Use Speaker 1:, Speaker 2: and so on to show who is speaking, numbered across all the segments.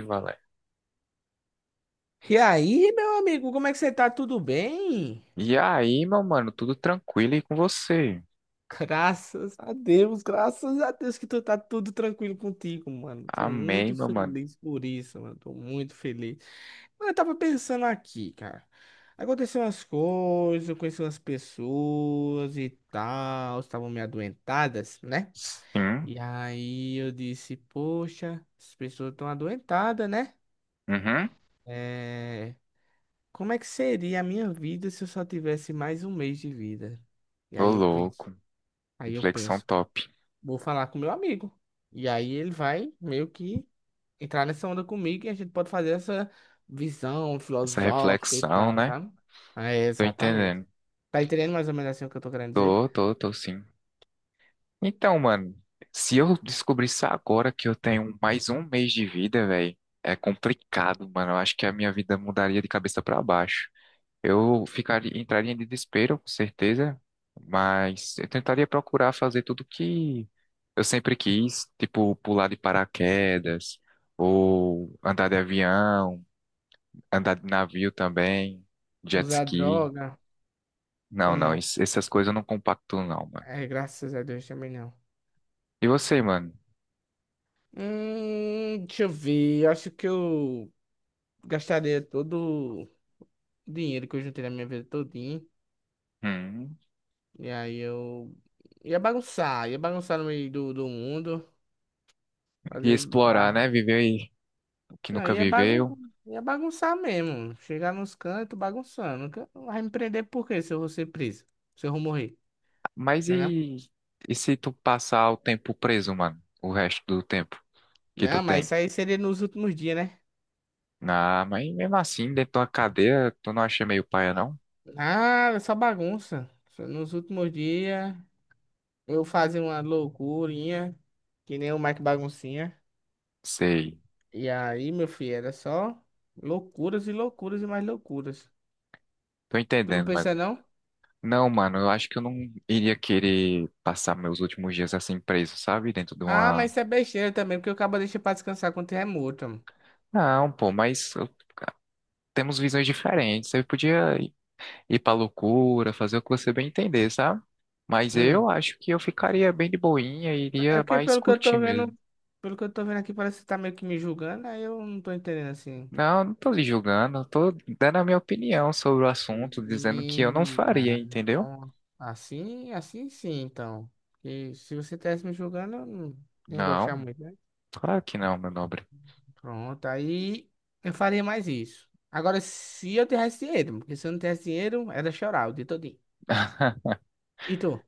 Speaker 1: E Valé.
Speaker 2: E aí, meu amigo, como é que você tá? Tudo bem?
Speaker 1: E aí, meu mano, tudo tranquilo aí com você?
Speaker 2: Graças a Deus que tu tá tudo tranquilo contigo, mano. Tô
Speaker 1: Amém,
Speaker 2: muito
Speaker 1: meu mano.
Speaker 2: feliz por isso, mano. Tô muito feliz. Mano, eu tava pensando aqui, cara. Aconteceu umas coisas, eu conheci umas pessoas e tal, estavam me adoentadas, né?
Speaker 1: Sim.
Speaker 2: E aí eu disse, poxa, as pessoas estão adoentadas, né?
Speaker 1: Uhum.
Speaker 2: É, como é que seria a minha vida se eu só tivesse mais um mês de vida? E
Speaker 1: Ô, louco.
Speaker 2: aí eu
Speaker 1: Reflexão
Speaker 2: penso,
Speaker 1: top.
Speaker 2: vou falar com meu amigo. E aí ele vai meio que entrar nessa onda comigo e a gente pode fazer essa visão
Speaker 1: Essa
Speaker 2: filosófica e
Speaker 1: reflexão,
Speaker 2: tal,
Speaker 1: né?
Speaker 2: tá? É,
Speaker 1: Tô
Speaker 2: exatamente.
Speaker 1: entendendo.
Speaker 2: Tá entendendo mais ou menos assim o que eu tô querendo dizer?
Speaker 1: Tô, tô, tô sim. Então, mano, se eu descobrisse agora que eu tenho mais um mês de vida, velho, é complicado, mano. Eu acho que a minha vida mudaria de cabeça pra baixo. Eu ficaria, entraria em desespero, com certeza, mas eu tentaria procurar fazer tudo que eu sempre quis, tipo pular de paraquedas, ou andar de avião, andar de navio também, jet
Speaker 2: Usar
Speaker 1: ski.
Speaker 2: droga
Speaker 1: Não,
Speaker 2: ou
Speaker 1: não,
Speaker 2: não?
Speaker 1: essas coisas eu não compacto não, mano.
Speaker 2: É, graças a Deus também não.
Speaker 1: E você, mano?
Speaker 2: Deixa eu ver. Eu acho que eu gastaria todo o dinheiro que eu juntei na minha vida todinha.
Speaker 1: Hum,
Speaker 2: E aí eu ia bagunçar no meio do mundo,
Speaker 1: e
Speaker 2: fazer
Speaker 1: explorar,
Speaker 2: barra.
Speaker 1: né? Viver aí o que
Speaker 2: Não,
Speaker 1: nunca
Speaker 2: ia, bagun
Speaker 1: viveu.
Speaker 2: ia bagunçar mesmo. Chegar nos cantos bagunçando. Que- Vai me prender por quê se eu vou ser preso? Se eu vou morrer,
Speaker 1: Mas
Speaker 2: né? Não,
Speaker 1: e se tu passar o tempo preso, mano? O resto do tempo que tu
Speaker 2: não, mas
Speaker 1: tem?
Speaker 2: isso aí seria nos últimos dias, né?
Speaker 1: Ah, mas mesmo assim, dentro da cadeia, tu não acha meio paia, não?
Speaker 2: Ah, só bagunça. Só nos últimos dias eu fazia uma loucurinha, que nem o Mike Baguncinha.
Speaker 1: Sei.
Speaker 2: E aí, meu filho, era só loucuras e loucuras e mais loucuras.
Speaker 1: Tô
Speaker 2: Tu não
Speaker 1: entendendo, mas.
Speaker 2: pensa, não?
Speaker 1: Não, mano, eu acho que eu não iria querer passar meus últimos dias assim preso, sabe? Dentro de
Speaker 2: Ah, mas
Speaker 1: uma.
Speaker 2: isso é besteira também, porque o cabo deixa pra descansar quando é morto.
Speaker 1: Não, pô, temos visões diferentes. Você podia ir pra loucura, fazer o que você bem entender, sabe? Mas
Speaker 2: Hum.
Speaker 1: eu acho que eu ficaria bem de boinha e
Speaker 2: É
Speaker 1: iria
Speaker 2: porque
Speaker 1: mais
Speaker 2: pelo que eu
Speaker 1: curtir
Speaker 2: tô vendo,
Speaker 1: mesmo.
Speaker 2: pelo que eu tô vendo aqui, parece que você tá meio que me julgando, aí eu não tô entendendo assim.
Speaker 1: Não, não tô lhe julgando, eu tô dando a minha opinião sobre o assunto, dizendo que eu não
Speaker 2: Sim,
Speaker 1: faria,
Speaker 2: ah,
Speaker 1: entendeu?
Speaker 2: então, assim sim, então. Porque se você tivesse me julgando, eu não ia gostar
Speaker 1: Não.
Speaker 2: muito, né?
Speaker 1: Claro que não, meu nobre.
Speaker 2: Pronto, aí eu faria mais isso. Agora, se eu tivesse dinheiro, porque se eu não tivesse dinheiro, era chorar o dia todinho. E tu?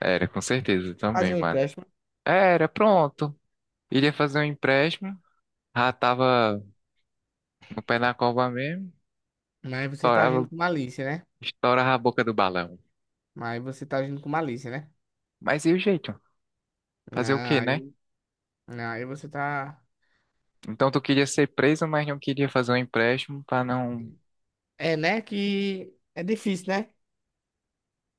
Speaker 1: Era, com certeza também,
Speaker 2: Fazia um
Speaker 1: mano.
Speaker 2: empréstimo,
Speaker 1: Era, pronto. Iria fazer um empréstimo, já tava no pé na cova mesmo,
Speaker 2: mas você tá agindo
Speaker 1: estourava,
Speaker 2: com malícia, né?
Speaker 1: estourava a boca do balão.
Speaker 2: Mas você tá agindo com malícia, né?
Speaker 1: Mas e o jeito? Fazer o
Speaker 2: Não,
Speaker 1: quê, né?
Speaker 2: aí, não, aí você tá.
Speaker 1: Então tu queria ser preso, mas não queria fazer um empréstimo pra não.
Speaker 2: É, né? Que é difícil, né?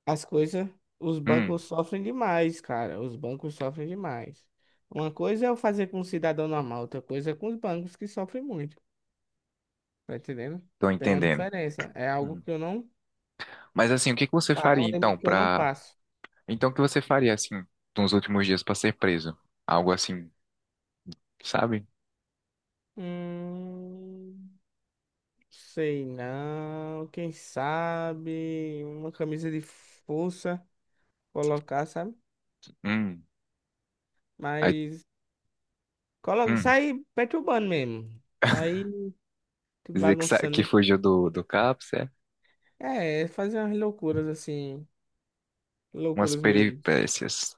Speaker 2: As coisas. Os
Speaker 1: Hum,
Speaker 2: bancos sofrem demais, cara. Os bancos sofrem demais. Uma coisa é eu fazer com um cidadão normal, outra coisa é com os bancos que sofrem muito. Tá entendendo?
Speaker 1: tô
Speaker 2: Tem uma
Speaker 1: entendendo.
Speaker 2: diferença. É algo
Speaker 1: Hum.
Speaker 2: que eu não.
Speaker 1: Mas assim, o que que você
Speaker 2: É um
Speaker 1: faria então
Speaker 2: limite que eu não
Speaker 1: pra.
Speaker 2: passo.
Speaker 1: Então o que você faria assim nos últimos dias pra ser preso? Algo assim, sabe?
Speaker 2: Hum, sei não. Quem sabe uma camisa de força colocar, sabe?
Speaker 1: Hum. Aí,
Speaker 2: Mas coloca,
Speaker 1: hum.
Speaker 2: sai perturbando mesmo. Sai
Speaker 1: Dizer que, que
Speaker 2: bagunçando.
Speaker 1: fugiu do CAPS, é?
Speaker 2: É, fazer umas loucuras assim.
Speaker 1: Umas
Speaker 2: Loucuras meio.
Speaker 1: peripécias.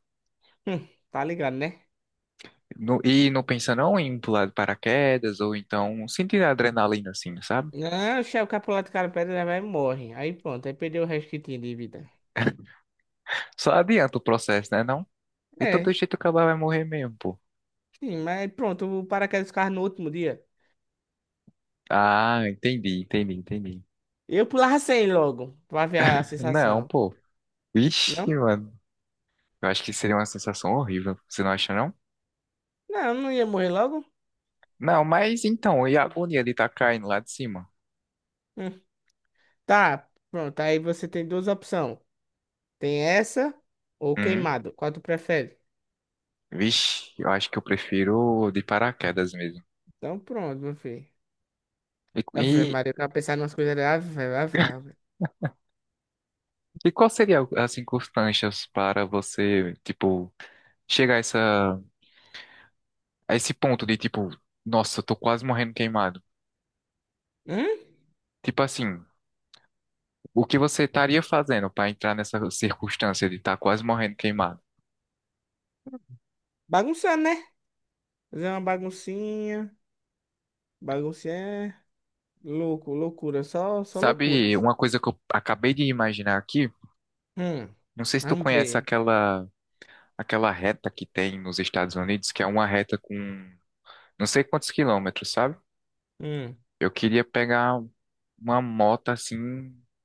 Speaker 2: Tá ligado, né?
Speaker 1: E não pensa não em pular de paraquedas ou então sentir a adrenalina assim, sabe?
Speaker 2: Não, o chefe capulado do cara pedra ele vai e morre. Aí pronto, aí perdeu o resto que tinha de vida.
Speaker 1: Só adianta o processo, né, não? De todo
Speaker 2: É,
Speaker 1: jeito o cara vai morrer mesmo, pô.
Speaker 2: sim, mas pronto, o paraquedas dos carros no último dia.
Speaker 1: Ah, entendi, entendi, entendi.
Speaker 2: Eu pulava 100 logo, pra ver a
Speaker 1: Não,
Speaker 2: sensação.
Speaker 1: pô.
Speaker 2: Não?
Speaker 1: Ixi, mano. Eu acho que seria uma sensação horrível. Você não acha, não?
Speaker 2: Não, não ia morrer logo.
Speaker 1: Não, mas então, e a agonia de estar caindo lá de cima?
Speaker 2: Hum. Tá, pronto, aí você tem duas opções. Tem essa ou
Speaker 1: Hum?
Speaker 2: queimado. Qual tu prefere?
Speaker 1: Vixe, eu acho que eu prefiro de paraquedas mesmo.
Speaker 2: Então pronto, meu filho.
Speaker 1: E, e,
Speaker 2: Ave Maria, eu tava pensando em umas coisas ali. Ave, ave, ave.
Speaker 1: e qual seria, as circunstâncias para você, tipo... chega a, essa, a esse ponto de tipo, nossa, eu tô quase morrendo queimado.
Speaker 2: Hum?
Speaker 1: Tipo assim, o que você estaria fazendo para entrar nessa circunstância de estar quase morrendo queimado?
Speaker 2: Bagunçando, né? Fazer uma baguncinha. Baguncinha é louco, loucura. Só
Speaker 1: Sabe
Speaker 2: loucuras.
Speaker 1: uma coisa que eu acabei de imaginar aqui?
Speaker 2: Hum.
Speaker 1: Não sei se tu
Speaker 2: Vamos
Speaker 1: conhece
Speaker 2: ver.
Speaker 1: aquela reta que tem nos Estados Unidos, que é uma reta com não sei quantos quilômetros, sabe?
Speaker 2: Hum.
Speaker 1: Eu queria pegar uma moto assim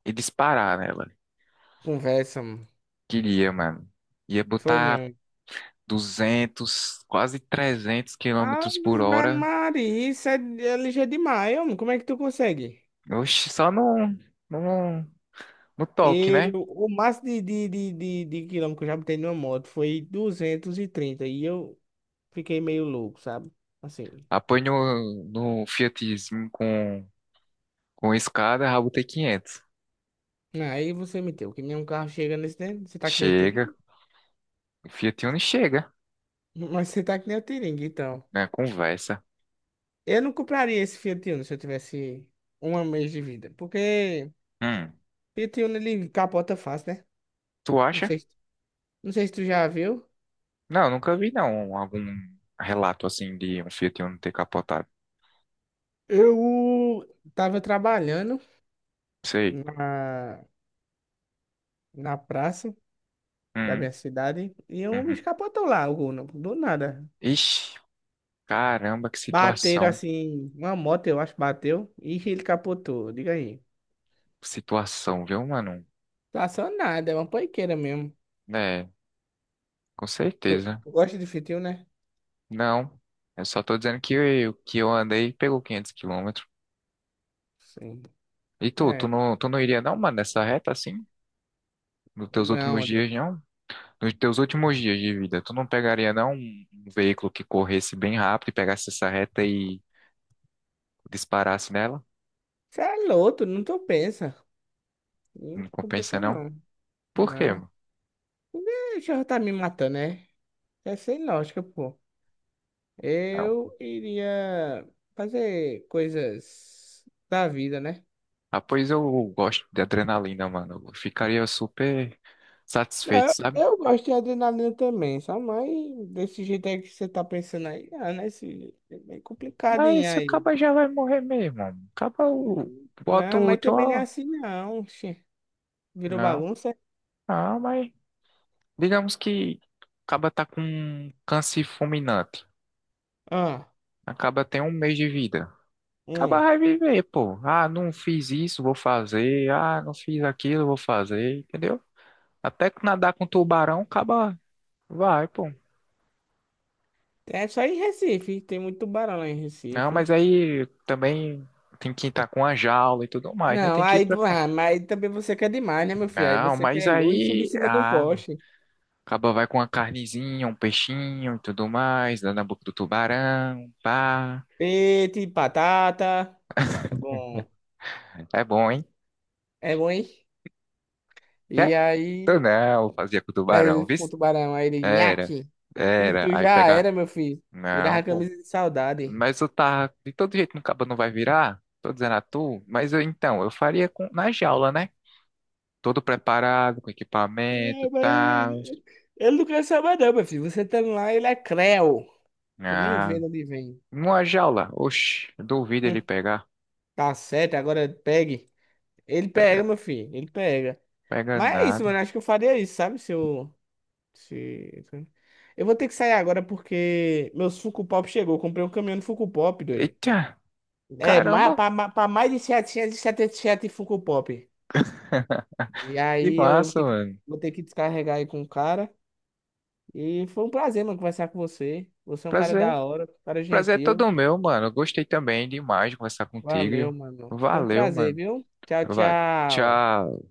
Speaker 1: e disparar nela.
Speaker 2: Conversa, mano.
Speaker 1: Queria, mano. Ia
Speaker 2: Foi
Speaker 1: botar
Speaker 2: não.
Speaker 1: 200 quase 300 quilômetros por
Speaker 2: Ave
Speaker 1: hora.
Speaker 2: Maria, isso é, é ligeiro demais, homem. Como é que tu consegue?
Speaker 1: Oxe, só no, no toque,
Speaker 2: Eu,
Speaker 1: né?
Speaker 2: o máximo de, quilômetro que eu já botei numa moto foi 230 e eu fiquei meio louco, sabe? Assim.
Speaker 1: Apoio no Fiatzinho com escada, rabotei 500.
Speaker 2: Aí você me deu que nenhum carro chega nesse dentro. Você tá que nem o
Speaker 1: Chega,
Speaker 2: Tiringue?
Speaker 1: o Fiat Uno chega,
Speaker 2: Mas você tá que nem o Tiringue, então.
Speaker 1: né? Conversa.
Speaker 2: Eu não compraria esse Fiat Uno se eu tivesse um mês de vida. Porque
Speaker 1: Hum,
Speaker 2: Fiat Uno, ele capota fácil, né?
Speaker 1: tu
Speaker 2: Não
Speaker 1: acha?
Speaker 2: sei, não sei se tu já viu.
Speaker 1: Não, nunca vi não algum relato assim de um Fiat Uno ter capotado.
Speaker 2: Eu tava trabalhando
Speaker 1: Sei.
Speaker 2: na, na praça da
Speaker 1: Hum,
Speaker 2: minha cidade e um
Speaker 1: uhum.
Speaker 2: bicho capotou lá, o Uno, do nada.
Speaker 1: Ixi, caramba, que
Speaker 2: Bateram
Speaker 1: situação.
Speaker 2: assim, uma moto, eu acho, bateu e ele capotou. Diga aí.
Speaker 1: Situação, viu, mano?
Speaker 2: Tá só nada, é uma poiqueira mesmo.
Speaker 1: É, com
Speaker 2: Tu,
Speaker 1: certeza.
Speaker 2: tu gosta de fitio, né?
Speaker 1: Não, eu só tô dizendo que que eu andei e pegou 500 quilômetros.
Speaker 2: Sim.
Speaker 1: E
Speaker 2: É,
Speaker 1: tu não iria não, mano, nessa reta assim? Nos teus
Speaker 2: vamos
Speaker 1: últimos dias,
Speaker 2: aonde?
Speaker 1: não? Nos teus últimos dias de vida, tu não pegaria não um veículo que corresse bem rápido e pegasse essa reta e disparasse nela?
Speaker 2: Você é louco, não tô pensa. Não
Speaker 1: Não compensa
Speaker 2: compensa
Speaker 1: não?
Speaker 2: não.
Speaker 1: Por quê,
Speaker 2: Não.
Speaker 1: mano?
Speaker 2: O já tá me matando, né? É sem lógica, pô.
Speaker 1: Não.
Speaker 2: Eu iria fazer coisas da vida, né?
Speaker 1: Ah, pois eu gosto de adrenalina, mano. Eu ficaria super satisfeito,
Speaker 2: Não,
Speaker 1: sabe?
Speaker 2: eu gosto de adrenalina também, só mas desse jeito aí que você tá pensando aí, ah, né? Esse, é bem complicado hein,
Speaker 1: Mas se o
Speaker 2: aí.
Speaker 1: caba já vai morrer mesmo, mano. O caba bota
Speaker 2: Não,
Speaker 1: o
Speaker 2: mas
Speaker 1: útil,
Speaker 2: também não é
Speaker 1: ó.
Speaker 2: assim não. Oxi. Virou
Speaker 1: Não.
Speaker 2: bagunça?
Speaker 1: Ah, mas digamos que acaba tá com um câncer fulminante.
Speaker 2: Ah.
Speaker 1: Acaba tem um mês de vida. Acaba
Speaker 2: Hum.
Speaker 1: vai viver, pô. Ah, não fiz isso, vou fazer. Ah, não fiz aquilo, vou fazer. Entendeu? Até que nadar com tubarão, acaba vai, pô.
Speaker 2: É só em Recife, tem muito tubarão lá em
Speaker 1: Não,
Speaker 2: Recife.
Speaker 1: mas aí também tem que estar com a jaula e tudo mais, né?
Speaker 2: Não,
Speaker 1: Tem que ir
Speaker 2: aí,
Speaker 1: preparar.
Speaker 2: ah, mas também você quer demais, né, meu filho? Aí
Speaker 1: Não,
Speaker 2: você
Speaker 1: mas
Speaker 2: quer luz e subir em
Speaker 1: aí.
Speaker 2: cima de um
Speaker 1: Ah,
Speaker 2: poste.
Speaker 1: acaba vai com uma carnezinha, um peixinho e tudo mais, dando na boca do tubarão. Pá.
Speaker 2: Peixe, batata, é bom,
Speaker 1: É bom, hein?
Speaker 2: é bom, hein? E
Speaker 1: Quer?
Speaker 2: aí,
Speaker 1: Eu não, fazia com o tubarão,
Speaker 2: mas
Speaker 1: viu?
Speaker 2: o tubarão, aí ele,
Speaker 1: Era,
Speaker 2: nhaque. E
Speaker 1: era.
Speaker 2: tu
Speaker 1: Aí
Speaker 2: já
Speaker 1: pega.
Speaker 2: era, meu filho. Virava
Speaker 1: Não,
Speaker 2: a
Speaker 1: pô.
Speaker 2: camisa de saudade.
Speaker 1: Mas eu tá. De todo jeito, no cabo não vai virar. Tô dizendo a tu. Mas eu, então, eu faria com... na jaula, né? Todo preparado, com equipamento
Speaker 2: É,
Speaker 1: e
Speaker 2: mas
Speaker 1: tal.
Speaker 2: ele não quer saber, não, meu filho. Você tá lá, ele é creu. Tu nem
Speaker 1: Ah,
Speaker 2: vendo onde vem.
Speaker 1: numa jaula. Oxi, duvido ele
Speaker 2: Hum,
Speaker 1: pegar.
Speaker 2: Tá certo, agora pegue. Ele
Speaker 1: Pega,
Speaker 2: pega, meu filho, ele pega.
Speaker 1: pega
Speaker 2: Mas é isso,
Speaker 1: nada.
Speaker 2: mano. Acho que eu faria isso, sabe? Se eu. Se... eu vou ter que sair agora porque meu Funko Pop chegou. Eu comprei um caminhão de Funko Pop, doido.
Speaker 1: Eita,
Speaker 2: É,
Speaker 1: caramba,
Speaker 2: pra mais de 777 Funko Pop. E
Speaker 1: que
Speaker 2: aí eu vou
Speaker 1: massa,
Speaker 2: ter que,
Speaker 1: mano.
Speaker 2: descarregar aí com o cara. E foi um prazer, mano, conversar com você. Você é um cara
Speaker 1: Prazer.
Speaker 2: da hora, um cara
Speaker 1: Prazer é
Speaker 2: gentil.
Speaker 1: todo meu, mano. Eu gostei também demais de conversar
Speaker 2: Valeu,
Speaker 1: contigo.
Speaker 2: mano. Foi um
Speaker 1: Valeu,
Speaker 2: prazer,
Speaker 1: mano.
Speaker 2: viu? Tchau,
Speaker 1: Vai.
Speaker 2: tchau.
Speaker 1: Tchau.